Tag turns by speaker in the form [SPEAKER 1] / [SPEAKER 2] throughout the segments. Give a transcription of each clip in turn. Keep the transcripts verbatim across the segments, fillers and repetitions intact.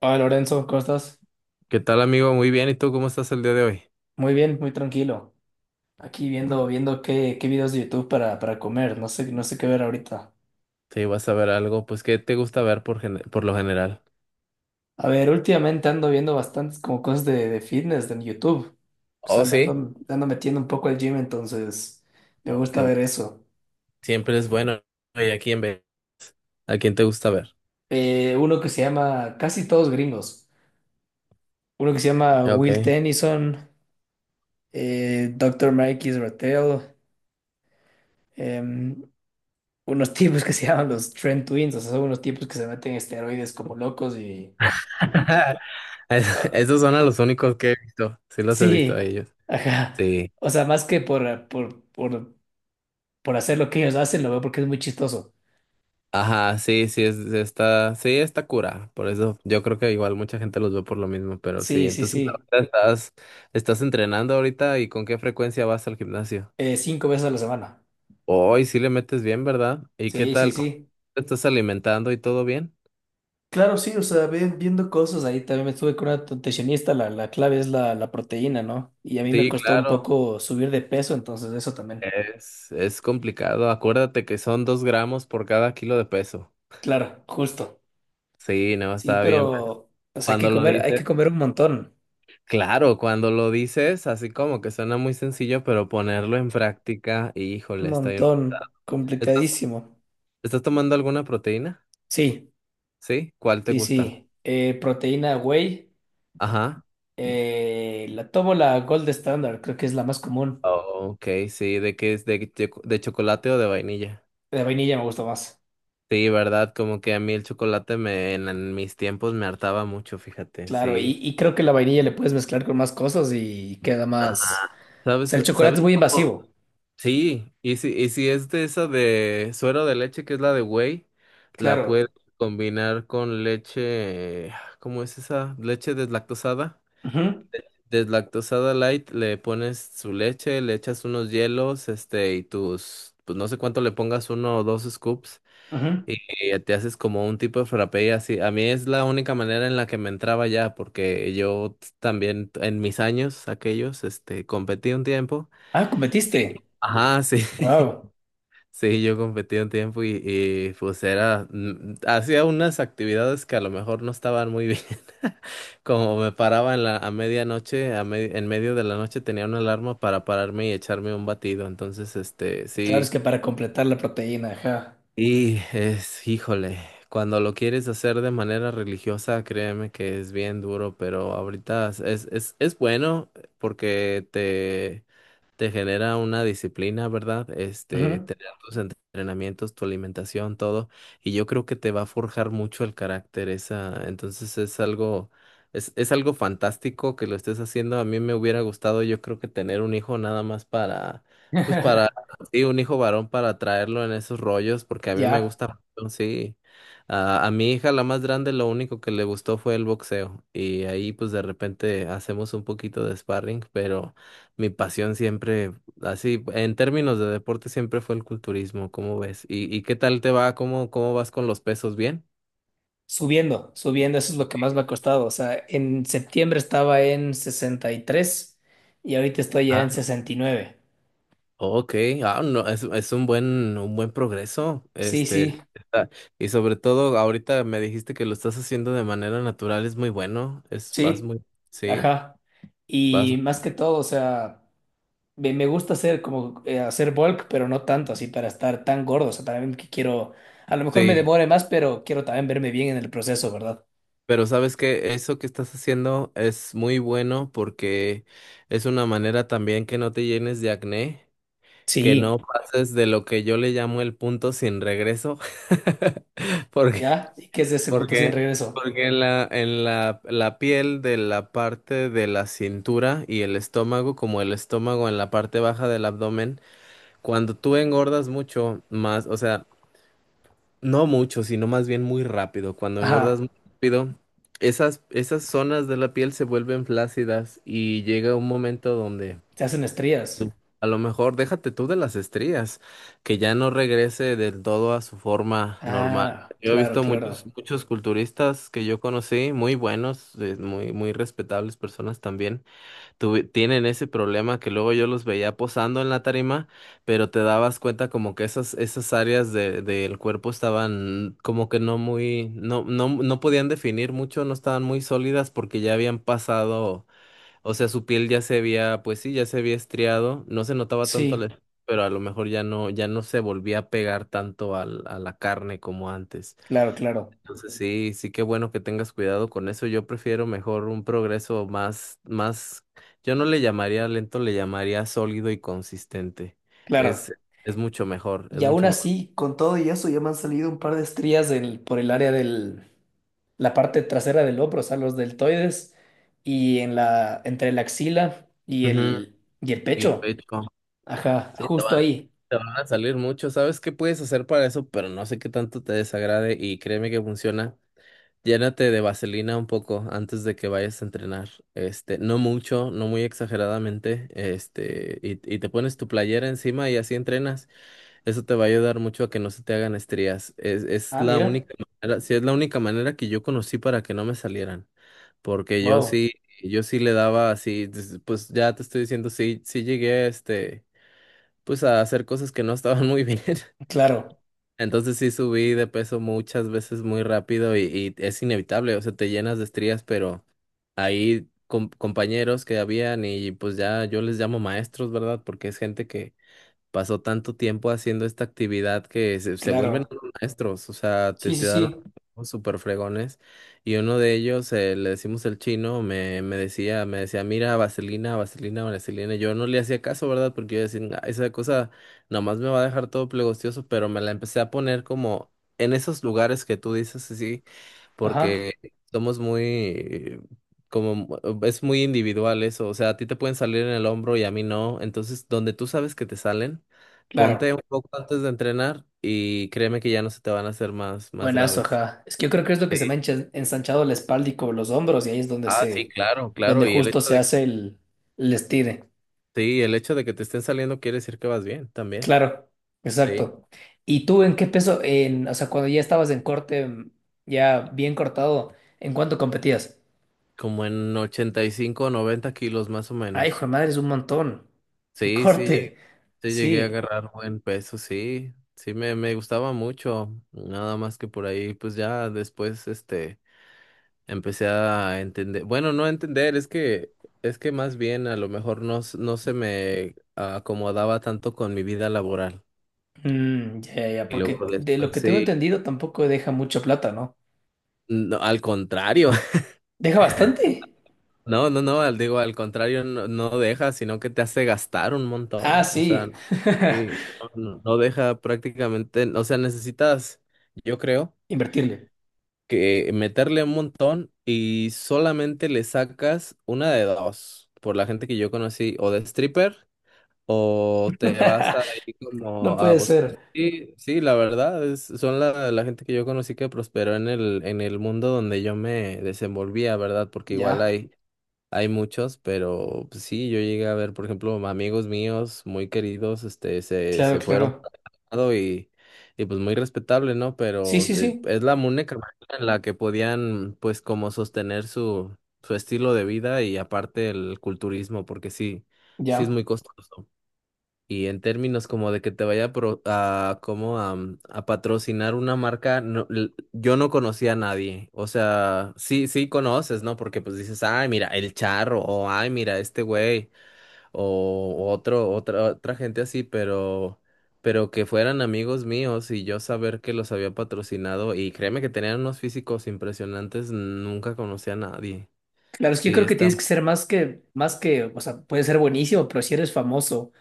[SPEAKER 1] Hola Lorenzo, ¿cómo estás?
[SPEAKER 2] ¿Qué tal, amigo? Muy bien. ¿Y tú cómo estás el día de hoy?
[SPEAKER 1] Muy bien, muy tranquilo. Aquí viendo, viendo qué, qué videos de YouTube para, para comer. No sé, no sé qué ver ahorita.
[SPEAKER 2] Sí, vas a ver algo. Pues, ¿qué te gusta ver por, gen- por lo general?
[SPEAKER 1] A ver, últimamente ando viendo bastantes como cosas de, de fitness en YouTube. O sea,
[SPEAKER 2] Oh,
[SPEAKER 1] le ando,
[SPEAKER 2] sí.
[SPEAKER 1] le ando metiendo un poco al gym, entonces me
[SPEAKER 2] Oh, qué
[SPEAKER 1] gusta ver
[SPEAKER 2] bueno.
[SPEAKER 1] eso.
[SPEAKER 2] Siempre es bueno. ¿Y a quién ves? ¿A quién te gusta ver?
[SPEAKER 1] Eh, uno que se llama, casi todos gringos. Uno que se llama Will
[SPEAKER 2] Ok.
[SPEAKER 1] Tennyson, eh, doctor Mike Israel, em, unos tipos que se llaman los Trend Twins. O sea, son unos tipos que se meten esteroides como locos y
[SPEAKER 2] Es-
[SPEAKER 1] ah,
[SPEAKER 2] Esos son a los únicos que he visto. Sí, los he visto a
[SPEAKER 1] sí,
[SPEAKER 2] ellos.
[SPEAKER 1] ajá.
[SPEAKER 2] Sí.
[SPEAKER 1] O sea, más que por, por, por, por hacer lo que ellos hacen, lo veo porque es muy chistoso.
[SPEAKER 2] Ajá, sí, sí, es, está, sí, está cura. Por eso yo creo que igual mucha gente los ve por lo mismo, pero sí.
[SPEAKER 1] Sí, sí,
[SPEAKER 2] Entonces,
[SPEAKER 1] sí.
[SPEAKER 2] ahorita estás, estás entrenando ahorita, ¿y con qué frecuencia vas al gimnasio?
[SPEAKER 1] Eh, cinco veces a la semana.
[SPEAKER 2] Hoy sí le metes bien, ¿verdad? ¿Y qué
[SPEAKER 1] Sí, sí,
[SPEAKER 2] tal? ¿Cómo
[SPEAKER 1] sí.
[SPEAKER 2] te estás alimentando y todo bien?
[SPEAKER 1] Claro, sí, o sea, ve- viendo cosas. Ahí también me estuve con una nutricionista. La, la clave es la, la proteína, ¿no? Y a mí me
[SPEAKER 2] Sí,
[SPEAKER 1] costó un
[SPEAKER 2] claro,
[SPEAKER 1] poco subir de peso, entonces eso también.
[SPEAKER 2] es, es complicado. Acuérdate que son dos gramos por cada kilo de peso.
[SPEAKER 1] Claro, justo.
[SPEAKER 2] Sí, no,
[SPEAKER 1] Sí,
[SPEAKER 2] está bien, pues.
[SPEAKER 1] pero, o sea, hay que
[SPEAKER 2] Cuando lo
[SPEAKER 1] comer, hay
[SPEAKER 2] dices,
[SPEAKER 1] que comer un montón.
[SPEAKER 2] claro, cuando lo dices, así como que suena muy sencillo, pero ponerlo en práctica,
[SPEAKER 1] Un
[SPEAKER 2] híjole, está bien
[SPEAKER 1] montón.
[SPEAKER 2] pesado. ¿Estás,
[SPEAKER 1] Complicadísimo.
[SPEAKER 2] estás tomando alguna proteína?
[SPEAKER 1] Sí,
[SPEAKER 2] ¿Sí? ¿Cuál te
[SPEAKER 1] sí,
[SPEAKER 2] gusta?
[SPEAKER 1] sí. Eh, proteína whey.
[SPEAKER 2] Ajá.
[SPEAKER 1] Eh, la tomo la Gold Standard, creo que es la más común.
[SPEAKER 2] Oh, ok, sí, ¿de qué es? ¿De, de de chocolate o de vainilla?
[SPEAKER 1] La vainilla me gusta más.
[SPEAKER 2] Sí, verdad, como que a mí el chocolate me, en, en mis tiempos me hartaba mucho, fíjate,
[SPEAKER 1] Claro,
[SPEAKER 2] sí.
[SPEAKER 1] y, y creo que la vainilla le puedes mezclar con más cosas y queda más.
[SPEAKER 2] Ajá.
[SPEAKER 1] O sea,
[SPEAKER 2] ¿Sabes,
[SPEAKER 1] el chocolate
[SPEAKER 2] sabes
[SPEAKER 1] es muy
[SPEAKER 2] cómo?
[SPEAKER 1] invasivo.
[SPEAKER 2] Sí, y si, y si es de esa de suero de leche, que es la de whey, la puedes
[SPEAKER 1] Claro.
[SPEAKER 2] combinar con leche, ¿cómo es esa? Leche deslactosada.
[SPEAKER 1] Ujú,
[SPEAKER 2] Deslactosada light, le pones su leche, le echas unos hielos, este, y tus, pues no sé cuánto le pongas, uno o dos scoops.
[SPEAKER 1] ujú.
[SPEAKER 2] Y y te haces como un tipo de frappé y así. A mí es la única manera en la que me entraba ya, porque yo t- también t- en mis años aquellos, este, competí un tiempo.
[SPEAKER 1] Ah, cometiste.
[SPEAKER 2] Ajá, sí,
[SPEAKER 1] Wow.
[SPEAKER 2] sí, yo competí un tiempo y, y pues era, mm, mm, hacía unas actividades que a lo mejor no estaban muy bien. Como me paraba en la, a medianoche, a me- en medio de la noche tenía una alarma para pararme y echarme un batido. Entonces, este,
[SPEAKER 1] Claro, es
[SPEAKER 2] sí.
[SPEAKER 1] que para completar la proteína, ajá.
[SPEAKER 2] Y es, híjole, cuando lo quieres hacer de manera religiosa, créeme que es bien duro, pero ahorita es, es, es es bueno eh, porque te, te genera una disciplina, ¿verdad? Este,
[SPEAKER 1] Ujú.
[SPEAKER 2] tener tus entrenamientos, tu alimentación, todo, y yo creo que te va a forjar mucho el carácter esa, entonces es algo, es, es algo fantástico que lo estés haciendo. A mí me hubiera gustado, yo creo que tener un hijo nada más para, pues para Sí, un hijo varón para traerlo en esos rollos, porque a mí me
[SPEAKER 1] Ya,
[SPEAKER 2] gusta, mucho, sí. A, a mi hija, la más grande, lo único que le gustó fue el boxeo. Y ahí, pues de repente hacemos un poquito de sparring, pero mi pasión siempre, así, en términos de deporte, siempre fue el culturismo, ¿cómo ves? ¿Y, y qué tal te va? ¿Cómo, cómo vas con los pesos? ¿Bien?
[SPEAKER 1] subiendo, subiendo, eso es lo que más me ha costado. O sea, en septiembre estaba en sesenta y tres y ahorita estoy ya en sesenta y nueve.
[SPEAKER 2] Ok, ah, no, es, es un buen, un buen progreso.
[SPEAKER 1] Sí,
[SPEAKER 2] este,
[SPEAKER 1] sí,
[SPEAKER 2] está- y sobre todo ahorita me dijiste que lo estás haciendo de manera natural, es muy bueno, es, vas
[SPEAKER 1] sí.
[SPEAKER 2] muy, sí,
[SPEAKER 1] Ajá.
[SPEAKER 2] vas,
[SPEAKER 1] Y más que todo, o sea, me, me gusta hacer como eh, hacer bulk, pero no tanto así para estar tan gordo. O sea, también que quiero, a lo mejor me
[SPEAKER 2] sí,
[SPEAKER 1] demore más, pero quiero también verme bien en el proceso, ¿verdad?
[SPEAKER 2] pero sabes que eso que estás haciendo es muy bueno porque es una manera también que no te llenes de acné, que
[SPEAKER 1] Sí.
[SPEAKER 2] no pases de lo que yo le llamo el punto sin regreso, porque
[SPEAKER 1] ¿Ya? ¿Y qué es de ese punto sin
[SPEAKER 2] Porque,
[SPEAKER 1] regreso?
[SPEAKER 2] porque en la, en la, la piel de la parte de la cintura y el estómago, como el estómago en la parte baja del abdomen, cuando tú engordas mucho más, o sea, no mucho, sino más bien muy rápido, cuando engordas
[SPEAKER 1] Ajá.
[SPEAKER 2] muy rápido, esas, esas zonas de la piel se vuelven flácidas y llega un momento donde
[SPEAKER 1] Se hacen estrías.
[SPEAKER 2] a lo mejor déjate tú de las estrías, que ya no regrese del todo a su forma normal.
[SPEAKER 1] Ah,
[SPEAKER 2] Yo he
[SPEAKER 1] claro,
[SPEAKER 2] visto muchos,
[SPEAKER 1] claro.
[SPEAKER 2] muchos culturistas que yo conocí, muy buenos, eh, muy, muy respetables personas también, tuve- tienen ese problema que luego yo los veía posando en la tarima, pero te dabas cuenta como que esas, esas áreas de, del cuerpo estaban como que no muy, no, no, no podían definir mucho, no estaban muy sólidas porque ya habían pasado. O sea, su piel ya se había, pues sí, ya se había estriado, no se notaba tanto,
[SPEAKER 1] Sí,
[SPEAKER 2] la- pero a lo mejor ya no, ya no se volvía a pegar tanto al, a la carne como antes.
[SPEAKER 1] claro, claro.
[SPEAKER 2] Entonces sí, sí que bueno que tengas cuidado con eso. Yo prefiero mejor un progreso más, más, yo no le llamaría lento, le llamaría sólido y consistente. Es,
[SPEAKER 1] Claro.
[SPEAKER 2] es mucho mejor, es
[SPEAKER 1] Y aún
[SPEAKER 2] mucho mejor.
[SPEAKER 1] así, con todo y eso, ya me han salido un par de estrías del- por el área del, la parte trasera del hombro, o sea, los deltoides, y en la, entre la axila y
[SPEAKER 2] Ujú,
[SPEAKER 1] el, y el
[SPEAKER 2] y el
[SPEAKER 1] pecho.
[SPEAKER 2] pecho,
[SPEAKER 1] Ajá,
[SPEAKER 2] sí, te
[SPEAKER 1] justo
[SPEAKER 2] van,
[SPEAKER 1] ahí.
[SPEAKER 2] te van a salir mucho. ¿Sabes qué puedes hacer para eso? Pero no sé qué tanto te desagrade y créeme que funciona. Llénate de vaselina un poco antes de que vayas a entrenar. Este, no mucho, no muy exageradamente. Este, y, y te pones tu playera encima y así entrenas. Eso te va a ayudar mucho a que no se te hagan estrías. Es, es
[SPEAKER 1] Ah,
[SPEAKER 2] la
[SPEAKER 1] mira.
[SPEAKER 2] única manera, sí, es la única manera que yo conocí para que no me salieran. Porque yo
[SPEAKER 1] Wow.
[SPEAKER 2] sí, yo sí le daba así, des- pues ya te estoy diciendo, sí, sí llegué, este, pues a hacer cosas que no estaban muy bien.
[SPEAKER 1] Claro,
[SPEAKER 2] Entonces sí subí de peso muchas veces muy rápido y, y es inevitable, o sea, te llenas de estrías, pero ahí com- compañeros que habían y pues ya yo les llamo maestros, ¿verdad? Porque es gente que pasó tanto tiempo haciendo esta actividad que se, se vuelven
[SPEAKER 1] claro.
[SPEAKER 2] unos maestros, o sea, te,
[SPEAKER 1] Sí, sí,
[SPEAKER 2] te dan
[SPEAKER 1] sí.
[SPEAKER 2] unos super fregones. Y uno de ellos, eh, le decimos el chino, me, me decía, me decía, mira, vaselina, vaselina, vaselina. y Yo no le hacía caso, ¿verdad? Porque yo decía, "Nah, esa cosa nomás me va a dejar todo plegostioso," pero me la empecé a poner como en esos lugares que tú dices, así,
[SPEAKER 1] Ajá,
[SPEAKER 2] porque somos muy como mu- es muy individual eso, o sea, a ti te pueden salir en el hombro y a mí no, entonces donde tú sabes que te salen. Ponte
[SPEAKER 1] claro.
[SPEAKER 2] un poco antes de entrenar y créeme que ya no se te van a hacer más, más
[SPEAKER 1] Buenazo,
[SPEAKER 2] graves.
[SPEAKER 1] ajá. Es que yo creo que es lo que se
[SPEAKER 2] Sí.
[SPEAKER 1] me ha encha- ensanchado la espalda y como los hombros, y ahí es donde
[SPEAKER 2] Ah, sí,
[SPEAKER 1] se,
[SPEAKER 2] claro,
[SPEAKER 1] donde
[SPEAKER 2] claro. Y el
[SPEAKER 1] justo
[SPEAKER 2] hecho
[SPEAKER 1] se
[SPEAKER 2] de que,
[SPEAKER 1] hace el, el estire.
[SPEAKER 2] sí, el hecho de que te estén saliendo quiere decir que vas bien también.
[SPEAKER 1] Claro,
[SPEAKER 2] Sí.
[SPEAKER 1] exacto. ¿Y tú en qué peso, en, o sea, cuando ya estabas en corte, mm, ya bien cortado, ¿en cuánto competías?
[SPEAKER 2] Como en ochenta y cinco o noventa kilos más o
[SPEAKER 1] Ay, hijo de
[SPEAKER 2] menos.
[SPEAKER 1] madre, es un montón. En
[SPEAKER 2] Sí, sí, llegué,
[SPEAKER 1] corte,
[SPEAKER 2] sí llegué a
[SPEAKER 1] sí.
[SPEAKER 2] agarrar buen peso, sí. Sí, me, me gustaba mucho. Nada más que por ahí, pues ya después, este. Empecé a entender, bueno, no a entender, es que, es que más bien a lo mejor no, s- no se me acomodaba tanto con mi vida laboral.
[SPEAKER 1] Mm, ya, ya, ya,
[SPEAKER 2] Y
[SPEAKER 1] porque
[SPEAKER 2] luego
[SPEAKER 1] de lo
[SPEAKER 2] después
[SPEAKER 1] que tengo
[SPEAKER 2] sí,
[SPEAKER 1] entendido tampoco deja mucha plata, ¿no?
[SPEAKER 2] no, al contrario,
[SPEAKER 1] ¿Deja bastante?
[SPEAKER 2] no, no, no, al, digo, al contrario, no, no deja, sino que te hace gastar un
[SPEAKER 1] Ah,
[SPEAKER 2] montón. O sea,
[SPEAKER 1] sí.
[SPEAKER 2] sí, no, no deja prácticamente, o sea, necesitas, yo creo,
[SPEAKER 1] Invertirle.
[SPEAKER 2] que meterle un montón y solamente le sacas una de dos. Por la gente que yo conocí, o de stripper. ¿O te vas ahí
[SPEAKER 1] No
[SPEAKER 2] como a
[SPEAKER 1] puede
[SPEAKER 2] buscar?
[SPEAKER 1] ser.
[SPEAKER 2] Sí, sí, la verdad, es, son la, la gente que yo conocí que prosperó en el, en el mundo donde yo me desenvolvía, ¿verdad? Porque igual
[SPEAKER 1] Ya,
[SPEAKER 2] hay, hay muchos, pero pues, sí, yo llegué a ver, por ejemplo, amigos míos muy queridos, este, se,
[SPEAKER 1] claro,
[SPEAKER 2] se fueron
[SPEAKER 1] claro.
[SPEAKER 2] por un lado y, y pues muy respetable, ¿no?
[SPEAKER 1] Sí,
[SPEAKER 2] Pero
[SPEAKER 1] sí,
[SPEAKER 2] eh,
[SPEAKER 1] sí.
[SPEAKER 2] es la única manera en la que podían, pues, como sostener su, su estilo de vida y aparte el culturismo, porque sí, sí es
[SPEAKER 1] Ya.
[SPEAKER 2] muy costoso. Y en términos como de que te vaya a, pro- a como a, mm, a patrocinar una marca, no, l- yo no conocía a nadie. O sea, sí, sí conoces, ¿no? Porque pues dices, ay, mira, el charro, o ay, mira, este güey, o otro, otra, otra gente así, pero, pero que fueran amigos míos y yo saber que los había patrocinado, y créeme que tenían unos físicos impresionantes, nunca conocí a nadie.
[SPEAKER 1] Claro, es que yo
[SPEAKER 2] Sí,
[SPEAKER 1] creo que
[SPEAKER 2] está,
[SPEAKER 1] tienes que ser más que, más que, o sea, puedes ser buenísimo, pero si eres famoso.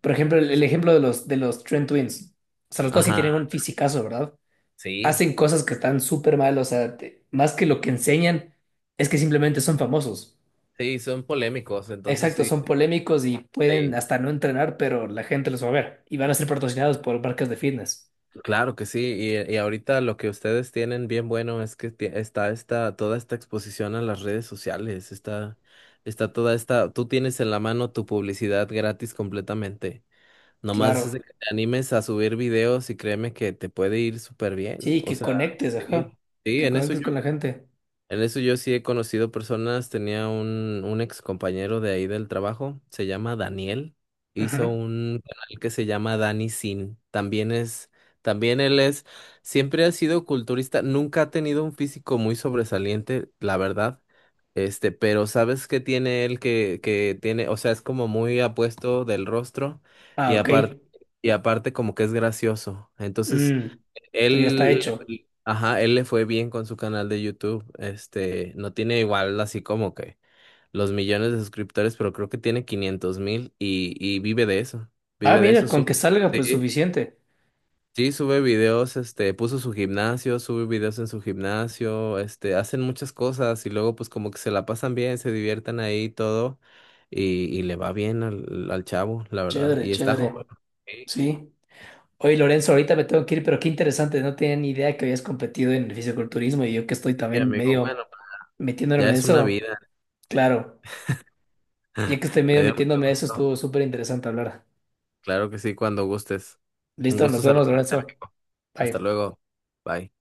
[SPEAKER 1] Por ejemplo, el, el ejemplo de los, de los Trent Twins. O sea, los dos sí
[SPEAKER 2] ajá,
[SPEAKER 1] tienen un fisicazo, ¿verdad?
[SPEAKER 2] sí,
[SPEAKER 1] Hacen cosas que están súper mal, o sea, te- más que lo que enseñan, es que simplemente son famosos.
[SPEAKER 2] sí, son polémicos, entonces
[SPEAKER 1] Exacto,
[SPEAKER 2] sí.
[SPEAKER 1] son polémicos y pueden
[SPEAKER 2] Sí.
[SPEAKER 1] hasta no entrenar, pero la gente los va a ver. Y van a ser patrocinados por marcas de fitness.
[SPEAKER 2] Claro que sí, y, y ahorita lo que ustedes tienen bien bueno es que tie- está esta, toda esta exposición a las redes sociales, está, está toda esta, tú tienes en la mano tu publicidad gratis completamente. Nomás es de
[SPEAKER 1] Claro.
[SPEAKER 2] que te animes a subir videos y créeme que te puede ir súper bien.
[SPEAKER 1] Sí,
[SPEAKER 2] O
[SPEAKER 1] que
[SPEAKER 2] sea,
[SPEAKER 1] conectes,
[SPEAKER 2] sí,
[SPEAKER 1] ajá.
[SPEAKER 2] sí,
[SPEAKER 1] Que
[SPEAKER 2] en eso
[SPEAKER 1] conectes
[SPEAKER 2] yo
[SPEAKER 1] con la gente.
[SPEAKER 2] en eso yo sí he conocido personas, tenía un, un ex compañero de ahí del trabajo, se llama Daniel, hizo
[SPEAKER 1] Ajá.
[SPEAKER 2] un canal que se llama Dani Sin, también es, también él es, siempre ha sido culturista, nunca ha tenido un físico muy sobresaliente, la verdad, este, pero ¿sabes qué tiene él que, que tiene, o sea, es como muy apuesto del rostro
[SPEAKER 1] Ah,
[SPEAKER 2] y aparte,
[SPEAKER 1] ok.
[SPEAKER 2] y aparte como que es gracioso, entonces
[SPEAKER 1] Mm, Esto ya está
[SPEAKER 2] él,
[SPEAKER 1] hecho.
[SPEAKER 2] le- ajá, él le fue bien con su canal de YouTube. Este, no tiene igual así como que los millones de suscriptores, pero creo que tiene quinientos mil y, y vive de eso.
[SPEAKER 1] Ah,
[SPEAKER 2] Vive de
[SPEAKER 1] mira,
[SPEAKER 2] eso.
[SPEAKER 1] con
[SPEAKER 2] Sube-
[SPEAKER 1] que salga, pues
[SPEAKER 2] sí,
[SPEAKER 1] suficiente.
[SPEAKER 2] sí, sube videos, este, puso su gimnasio, sube videos en su gimnasio, este, hacen muchas cosas y luego pues como que se la pasan bien, se divierten ahí y todo y, y le va bien al, al chavo, la verdad.
[SPEAKER 1] Chévere,
[SPEAKER 2] Y está
[SPEAKER 1] chévere.
[SPEAKER 2] joven. Sí,
[SPEAKER 1] Sí. Oye, Lorenzo, ahorita me tengo que ir, pero qué interesante, no tenía ni idea que habías competido en el fisiculturismo y yo que estoy
[SPEAKER 2] sí,
[SPEAKER 1] también
[SPEAKER 2] amigo,
[SPEAKER 1] medio
[SPEAKER 2] bueno,
[SPEAKER 1] metiéndome
[SPEAKER 2] ya
[SPEAKER 1] en
[SPEAKER 2] es una
[SPEAKER 1] eso.
[SPEAKER 2] vida.
[SPEAKER 1] Claro, ya que estoy
[SPEAKER 2] Me
[SPEAKER 1] medio
[SPEAKER 2] dio mucho
[SPEAKER 1] metiéndome en eso,
[SPEAKER 2] gusto.
[SPEAKER 1] estuvo súper interesante hablar.
[SPEAKER 2] Claro que sí, cuando gustes. Un
[SPEAKER 1] Listo,
[SPEAKER 2] gusto
[SPEAKER 1] nos vemos,
[SPEAKER 2] saludarte,
[SPEAKER 1] Lorenzo.
[SPEAKER 2] amigo. Hasta
[SPEAKER 1] Bye.
[SPEAKER 2] luego. Bye.